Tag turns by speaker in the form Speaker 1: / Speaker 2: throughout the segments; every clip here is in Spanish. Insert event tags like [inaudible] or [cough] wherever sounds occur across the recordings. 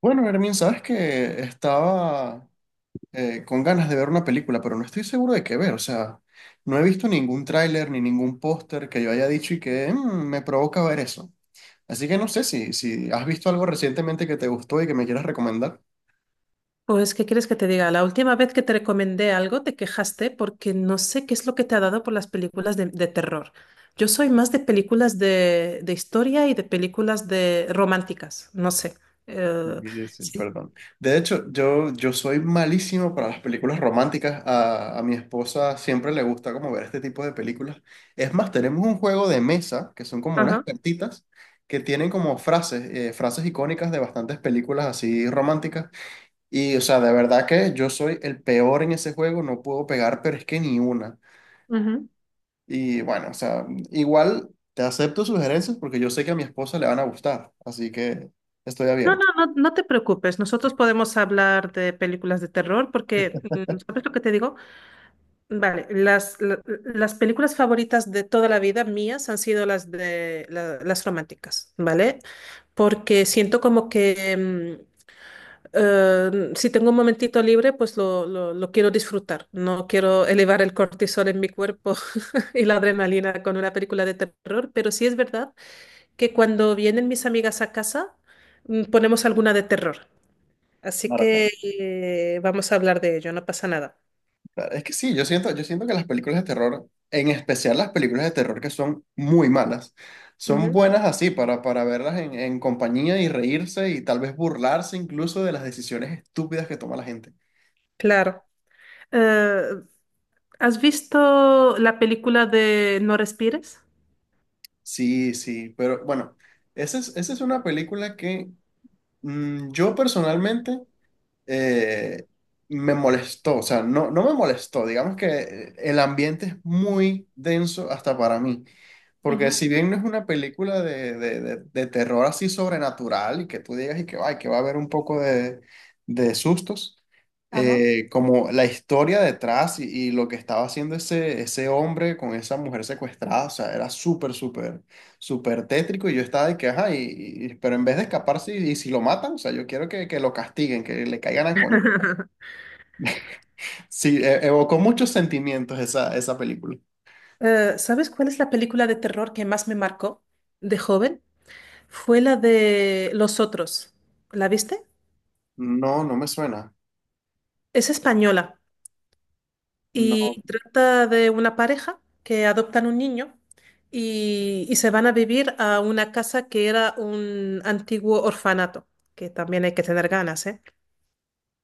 Speaker 1: Bueno, Hermin, sabes que estaba con ganas de ver una película, pero no estoy seguro de qué ver. O sea, no he visto ningún tráiler ni ningún póster que yo haya dicho y que "Mm, me provoca ver eso". Así que no sé si has visto algo recientemente que te gustó y que me quieras recomendar.
Speaker 2: Pues, ¿qué quieres que te diga? La última vez que te recomendé algo, te quejaste porque no sé qué es lo que te ha dado por las películas de terror. Yo soy más de películas de historia y de películas de románticas, no sé. Eh,
Speaker 1: Sí, sí,
Speaker 2: sí.
Speaker 1: perdón. De hecho, yo soy malísimo para las películas románticas. A mi esposa siempre le gusta como ver este tipo de películas. Es más, tenemos un juego de mesa que son como unas
Speaker 2: Ajá.
Speaker 1: cartitas que tienen como frases, frases icónicas de bastantes películas así románticas. Y, o sea, de verdad que yo soy el peor en ese juego, no puedo pegar, pero es que ni una.
Speaker 2: ujú.
Speaker 1: Y bueno, o sea, igual te acepto sugerencias porque yo sé que a mi esposa le van a gustar, así que estoy
Speaker 2: No, no,
Speaker 1: abierto.
Speaker 2: no, no te preocupes. Nosotros podemos hablar de películas de terror porque, mm, ¿sabes lo que te digo? Vale, las películas favoritas de toda la vida mías han sido las de las románticas, ¿vale? Porque siento como que si tengo un momentito libre, pues lo quiero disfrutar. No quiero elevar el cortisol en mi cuerpo [laughs] y la adrenalina con una película de terror, pero sí es verdad que cuando vienen mis amigas a casa, ponemos alguna de terror. Así
Speaker 1: Claro,
Speaker 2: que
Speaker 1: claro.
Speaker 2: vamos a hablar de ello, no pasa nada.
Speaker 1: Claro, es que sí, yo siento que las películas de terror, en especial las películas de terror que son muy malas, son
Speaker 2: Ujú.
Speaker 1: buenas así para verlas en compañía y reírse y tal vez burlarse incluso de las decisiones estúpidas que toma la gente.
Speaker 2: Claro. Eh, ¿Has visto la película de No respires? [laughs]
Speaker 1: Sí, sí, pero bueno, esa es una película que yo personalmente eh, me molestó, o sea, no, no me molestó, digamos que el ambiente es muy denso hasta para mí, porque
Speaker 2: Ujú,
Speaker 1: si bien no es una película de terror así sobrenatural y que tú digas y que, ay, que va a haber un poco de sustos,
Speaker 2: Ajá.
Speaker 1: como la historia detrás y lo que estaba haciendo ese hombre con esa mujer secuestrada, o sea, era súper, súper súper tétrico y yo estaba de que, ajá, y- pero en vez de escaparse y si lo matan, o sea, yo quiero que lo castiguen, que le caigan a con... Sí, e- evocó muchos sentimientos esa película.
Speaker 2: ¿Sabes cuál es la película de terror que más me marcó de joven? Fue la de Los Otros. ¿La viste?
Speaker 1: No, no me suena.
Speaker 2: Es española
Speaker 1: No,
Speaker 2: y trata de una pareja que adoptan un niño y se van a vivir a una casa que era un antiguo orfanato, que también hay que tener ganas, ¿eh?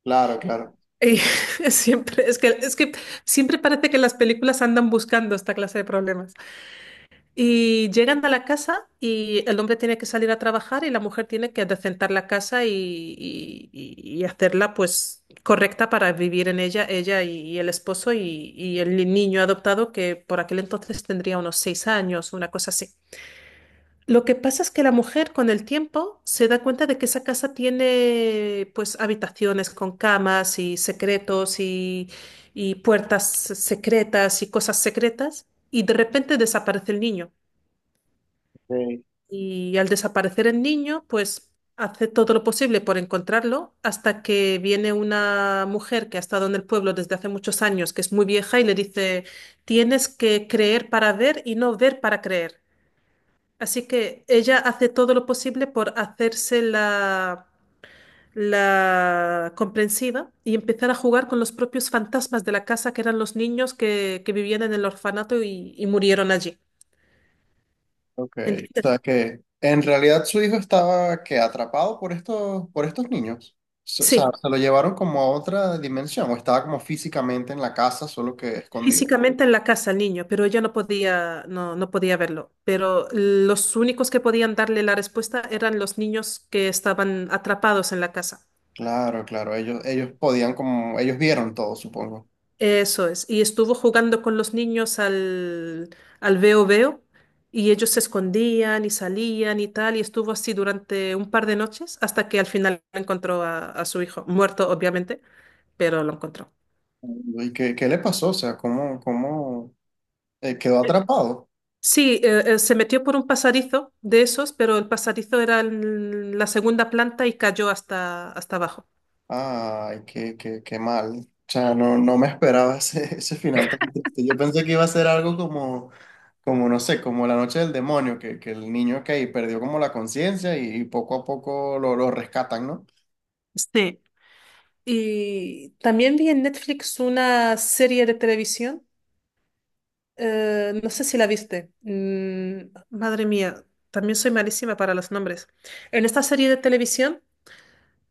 Speaker 1: claro, claro.
Speaker 2: Y [laughs] siempre, es que siempre parece que las películas andan buscando esta clase de problemas. Y llegan a la casa y el hombre tiene que salir a trabajar y la mujer tiene que adecentar la casa y, y hacerla pues correcta para vivir en ella, ella y el esposo y el niño adoptado que por aquel entonces tendría unos 6 años, una cosa así. Lo que pasa es que la mujer con el tiempo se da cuenta de que esa casa tiene pues habitaciones con camas y secretos y puertas secretas y cosas secretas y de repente desaparece el niño.
Speaker 1: Okay.
Speaker 2: Y al desaparecer el niño pues hace todo lo posible por encontrarlo hasta que viene una mujer que ha estado en el pueblo desde hace muchos años, que es muy vieja y le dice, tienes que creer para ver y no ver para creer. Así que ella hace todo lo posible por hacerse la comprensiva y empezar a jugar con los propios fantasmas de la casa, que eran los niños que vivían en el orfanato y murieron allí.
Speaker 1: Ok. O
Speaker 2: ¿Entiendes?
Speaker 1: sea que en realidad su hijo estaba que atrapado por estos niños. S- O sea,
Speaker 2: Sí,
Speaker 1: se lo llevaron como a otra dimensión, o estaba como físicamente en la casa, solo que escondido.
Speaker 2: físicamente en la casa el niño, pero ella no podía, no, no podía verlo. Pero los únicos que podían darle la respuesta eran los niños que estaban atrapados en la casa.
Speaker 1: Claro, claro, ellos podían como, ellos vieron todo, supongo.
Speaker 2: Eso es. Y estuvo jugando con los niños al veo veo y ellos se escondían y salían y tal y estuvo así durante un par de noches hasta que al final encontró a su hijo, muerto obviamente, pero lo encontró.
Speaker 1: ¿Y qué, qué le pasó? O sea, ¿cómo, cómo quedó atrapado?
Speaker 2: Sí, se metió por un pasadizo de esos, pero el pasadizo era en la segunda planta y cayó hasta, hasta abajo.
Speaker 1: Ay, qué, qué, qué mal. O sea, no, no me esperaba [laughs] ese final tan triste. Yo pensé que iba a ser algo como, como no sé, como la noche del demonio, que el niño que perdió como la conciencia y poco a poco lo rescatan, ¿no?
Speaker 2: Sí. Y también vi en Netflix una serie de televisión. No sé si la viste. Mm, madre mía, también soy malísima para los nombres. En esta serie de televisión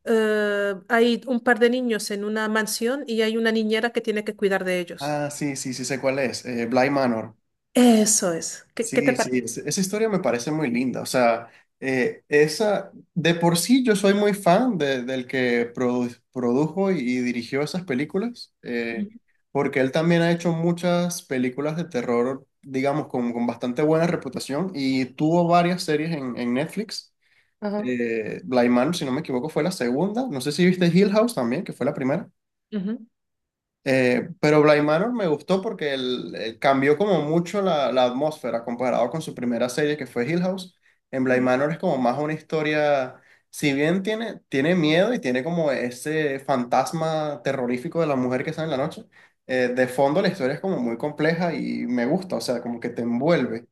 Speaker 2: hay un par de niños en una mansión y hay una niñera que tiene que cuidar de ellos.
Speaker 1: Ah, sí, sí, sí sé cuál es. Bly Manor.
Speaker 2: Eso es. ¿Qué, qué te
Speaker 1: Sí, sí,
Speaker 2: parece?
Speaker 1: es- esa historia me parece muy linda. O sea, esa, de por sí yo soy muy fan de- del que produ- produjo y dirigió esas películas,
Speaker 2: Ujú.
Speaker 1: porque él también ha hecho muchas películas de terror, digamos, con bastante buena reputación y tuvo varias series en Netflix.
Speaker 2: Ajá.
Speaker 1: Bly Manor, si no me equivoco, fue la segunda. No sé si viste Hill House también, que fue la primera.
Speaker 2: Ujú.
Speaker 1: Pero Bly Manor me gustó porque el cambió como mucho la, la atmósfera comparado con su primera serie que fue Hill House. En Bly
Speaker 2: Ujú.
Speaker 1: Manor es como más una historia, si bien tiene, tiene miedo y tiene como ese fantasma terrorífico de la mujer que sale en la noche, de fondo la historia es como muy compleja y me gusta, o sea, como que te envuelve.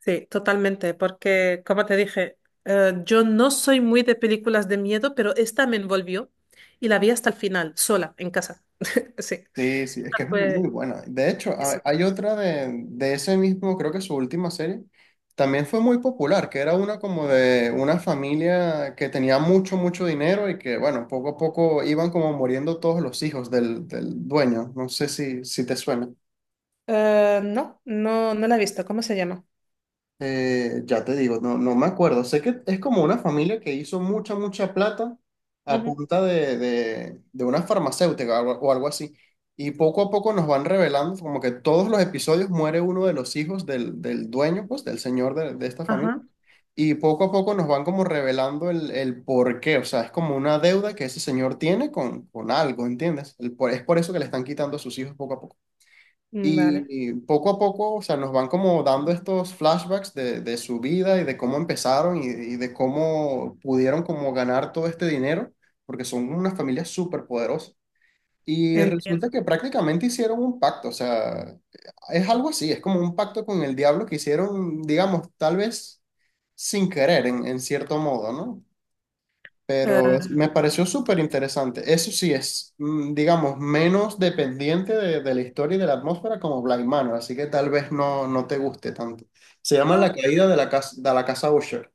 Speaker 2: Sí, totalmente, porque como te dije, yo no soy muy de películas de miedo, pero esta me envolvió y la vi hasta el final, sola, en casa. [laughs] Sí.
Speaker 1: Sí, sí, es que
Speaker 2: Esta
Speaker 1: es muy
Speaker 2: fue...
Speaker 1: buena. De hecho,
Speaker 2: sí.
Speaker 1: ha- hay otra de ese mismo, creo que su última serie, también fue muy popular, que era una como de una familia que tenía mucho, mucho dinero y que, bueno, poco a poco iban como muriendo todos los hijos del, del dueño. No sé si te suena.
Speaker 2: No, no, no la he visto. ¿Cómo se llama?
Speaker 1: Ya te digo, no, no me acuerdo. Sé que es como una familia que hizo mucha, mucha plata a
Speaker 2: Ujú.
Speaker 1: punta de una farmacéutica o algo así. Y poco a poco nos van revelando como que todos los episodios muere uno de los hijos del, del dueño, pues, del señor de esta familia.
Speaker 2: Ajá,
Speaker 1: Y poco a poco nos van como revelando el por qué. O sea, es como una deuda que ese señor tiene con algo, ¿entiendes? El por- es por eso que le están quitando a sus hijos poco a poco.
Speaker 2: mm, vale,
Speaker 1: Y poco a poco, o sea, nos van como dando estos flashbacks de su vida y de cómo empezaron y de cómo pudieron como ganar todo este dinero, porque son una familia súper poderosa. Y resulta
Speaker 2: entiendo.
Speaker 1: que prácticamente hicieron un pacto, o sea, es algo así, es como un pacto con el diablo que hicieron, digamos, tal vez sin querer, en cierto modo, ¿no?
Speaker 2: Eh,
Speaker 1: Pero es- me pareció súper interesante. Eso sí es, mm, digamos, menos dependiente de la historia y de la atmósfera como Blind Manor, así que tal vez no, no te guste tanto. Se llama
Speaker 2: no,
Speaker 1: La caída de la casa Usher.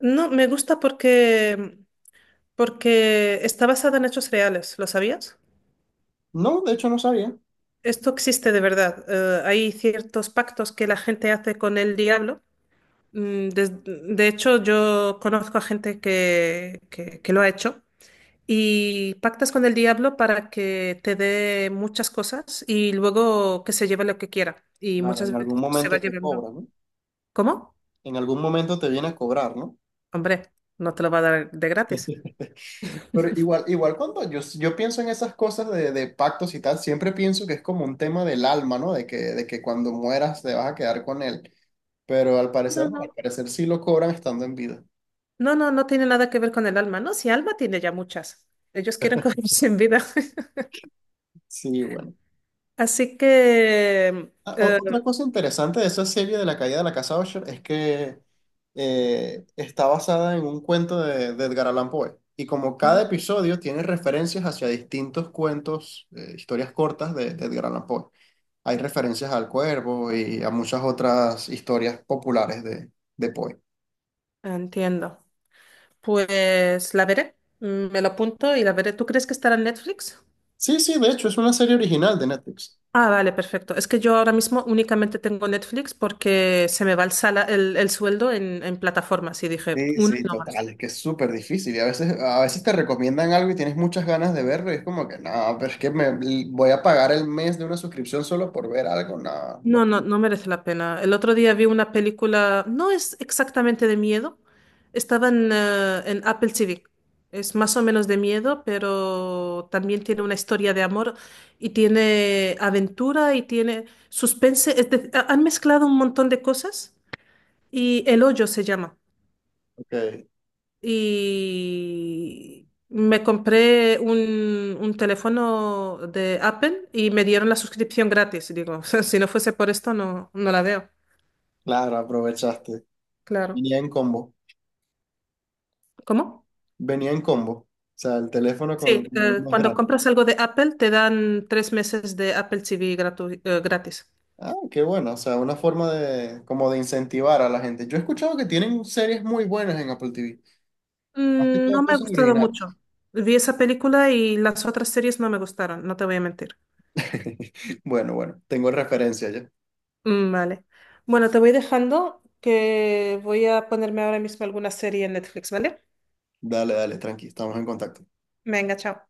Speaker 2: no, me gusta porque, porque está basada en hechos reales, ¿lo sabías?
Speaker 1: No, de hecho no sabía.
Speaker 2: Esto existe de verdad. Hay ciertos pactos que la gente hace con el diablo. Mm, de hecho, yo conozco a gente que lo ha hecho. Y pactas con el diablo para que te dé muchas cosas y luego que se lleve lo que quiera. Y
Speaker 1: Claro, en
Speaker 2: muchas veces
Speaker 1: algún
Speaker 2: pues, se va
Speaker 1: momento te
Speaker 2: llevando.
Speaker 1: cobra, ¿no?
Speaker 2: ¿Cómo?
Speaker 1: En algún momento te viene a cobrar, ¿no?
Speaker 2: Hombre, no te lo va a dar de gratis.
Speaker 1: Pero igual, igual cuando yo pienso en esas cosas de pactos y tal, siempre pienso que es como un tema del alma, ¿no? De que cuando mueras te vas a quedar con él. Pero al
Speaker 2: No,
Speaker 1: parecer,
Speaker 2: no,
Speaker 1: no, al
Speaker 2: no.
Speaker 1: parecer sí lo cobran estando en vida.
Speaker 2: No, no, no tiene nada que ver con el alma, ¿no? Si alma tiene ya muchas. Ellos quieren [laughs] cogerse en vida. [laughs]
Speaker 1: Sí, bueno.
Speaker 2: Así que...
Speaker 1: Ah, o- otra cosa interesante de esa serie de la caída de la casa Usher es que está basada en un cuento de Edgar Allan Poe. Y como cada episodio tiene referencias hacia distintos cuentos, historias cortas de Edgar Allan Poe. Hay referencias al cuervo y a muchas otras historias populares de Poe.
Speaker 2: entiendo. Pues la veré. Mm, me lo apunto y la veré. ¿Tú crees que estará en Netflix?
Speaker 1: Sí, sí, de hecho es una serie original de Netflix.
Speaker 2: Ah, vale, perfecto. Es que yo ahora mismo únicamente tengo Netflix porque se me va el sueldo en plataformas y dije,
Speaker 1: Sí,
Speaker 2: una
Speaker 1: sí,
Speaker 2: no
Speaker 1: total,
Speaker 2: más.
Speaker 1: es que es súper difícil y a veces te recomiendan algo y tienes muchas ganas de verlo y es como que no, pero es que me voy a pagar el mes de una suscripción solo por ver algo, no,
Speaker 2: No,
Speaker 1: no.
Speaker 2: no, no merece la pena. El otro día vi una película, no es exactamente de miedo, estaba en Apple TV. Es más o menos de miedo, pero también tiene una historia de amor y tiene aventura y tiene suspense. Es han mezclado un montón de cosas y El Hoyo se llama.
Speaker 1: Ok,
Speaker 2: Y me compré un teléfono de Apple y me dieron la suscripción gratis. Y digo, [laughs] si no fuese por esto, no, no la veo.
Speaker 1: claro, aprovechaste.
Speaker 2: Claro.
Speaker 1: Venía en combo,
Speaker 2: ¿Cómo?
Speaker 1: venía en combo, o sea, el teléfono
Speaker 2: Sí,
Speaker 1: con más
Speaker 2: cuando
Speaker 1: gratis.
Speaker 2: compras algo de Apple te dan 3 meses de Apple TV gratis.
Speaker 1: Ah, qué bueno, o sea, una forma de, como de incentivar a la gente. Yo he escuchado que tienen series muy buenas en Apple TV, más que
Speaker 2: Mm, no
Speaker 1: todo
Speaker 2: me ha
Speaker 1: cosas
Speaker 2: gustado mucho.
Speaker 1: originales.
Speaker 2: Vi esa película y las otras series no me gustaron, no te voy a mentir.
Speaker 1: [laughs] Bueno, bueno, tengo referencia ya.
Speaker 2: Mm, vale. Bueno, te voy dejando que voy a ponerme ahora mismo alguna serie en Netflix, ¿vale?
Speaker 1: Dale, dale, tranqui, estamos en contacto.
Speaker 2: Venga, chao.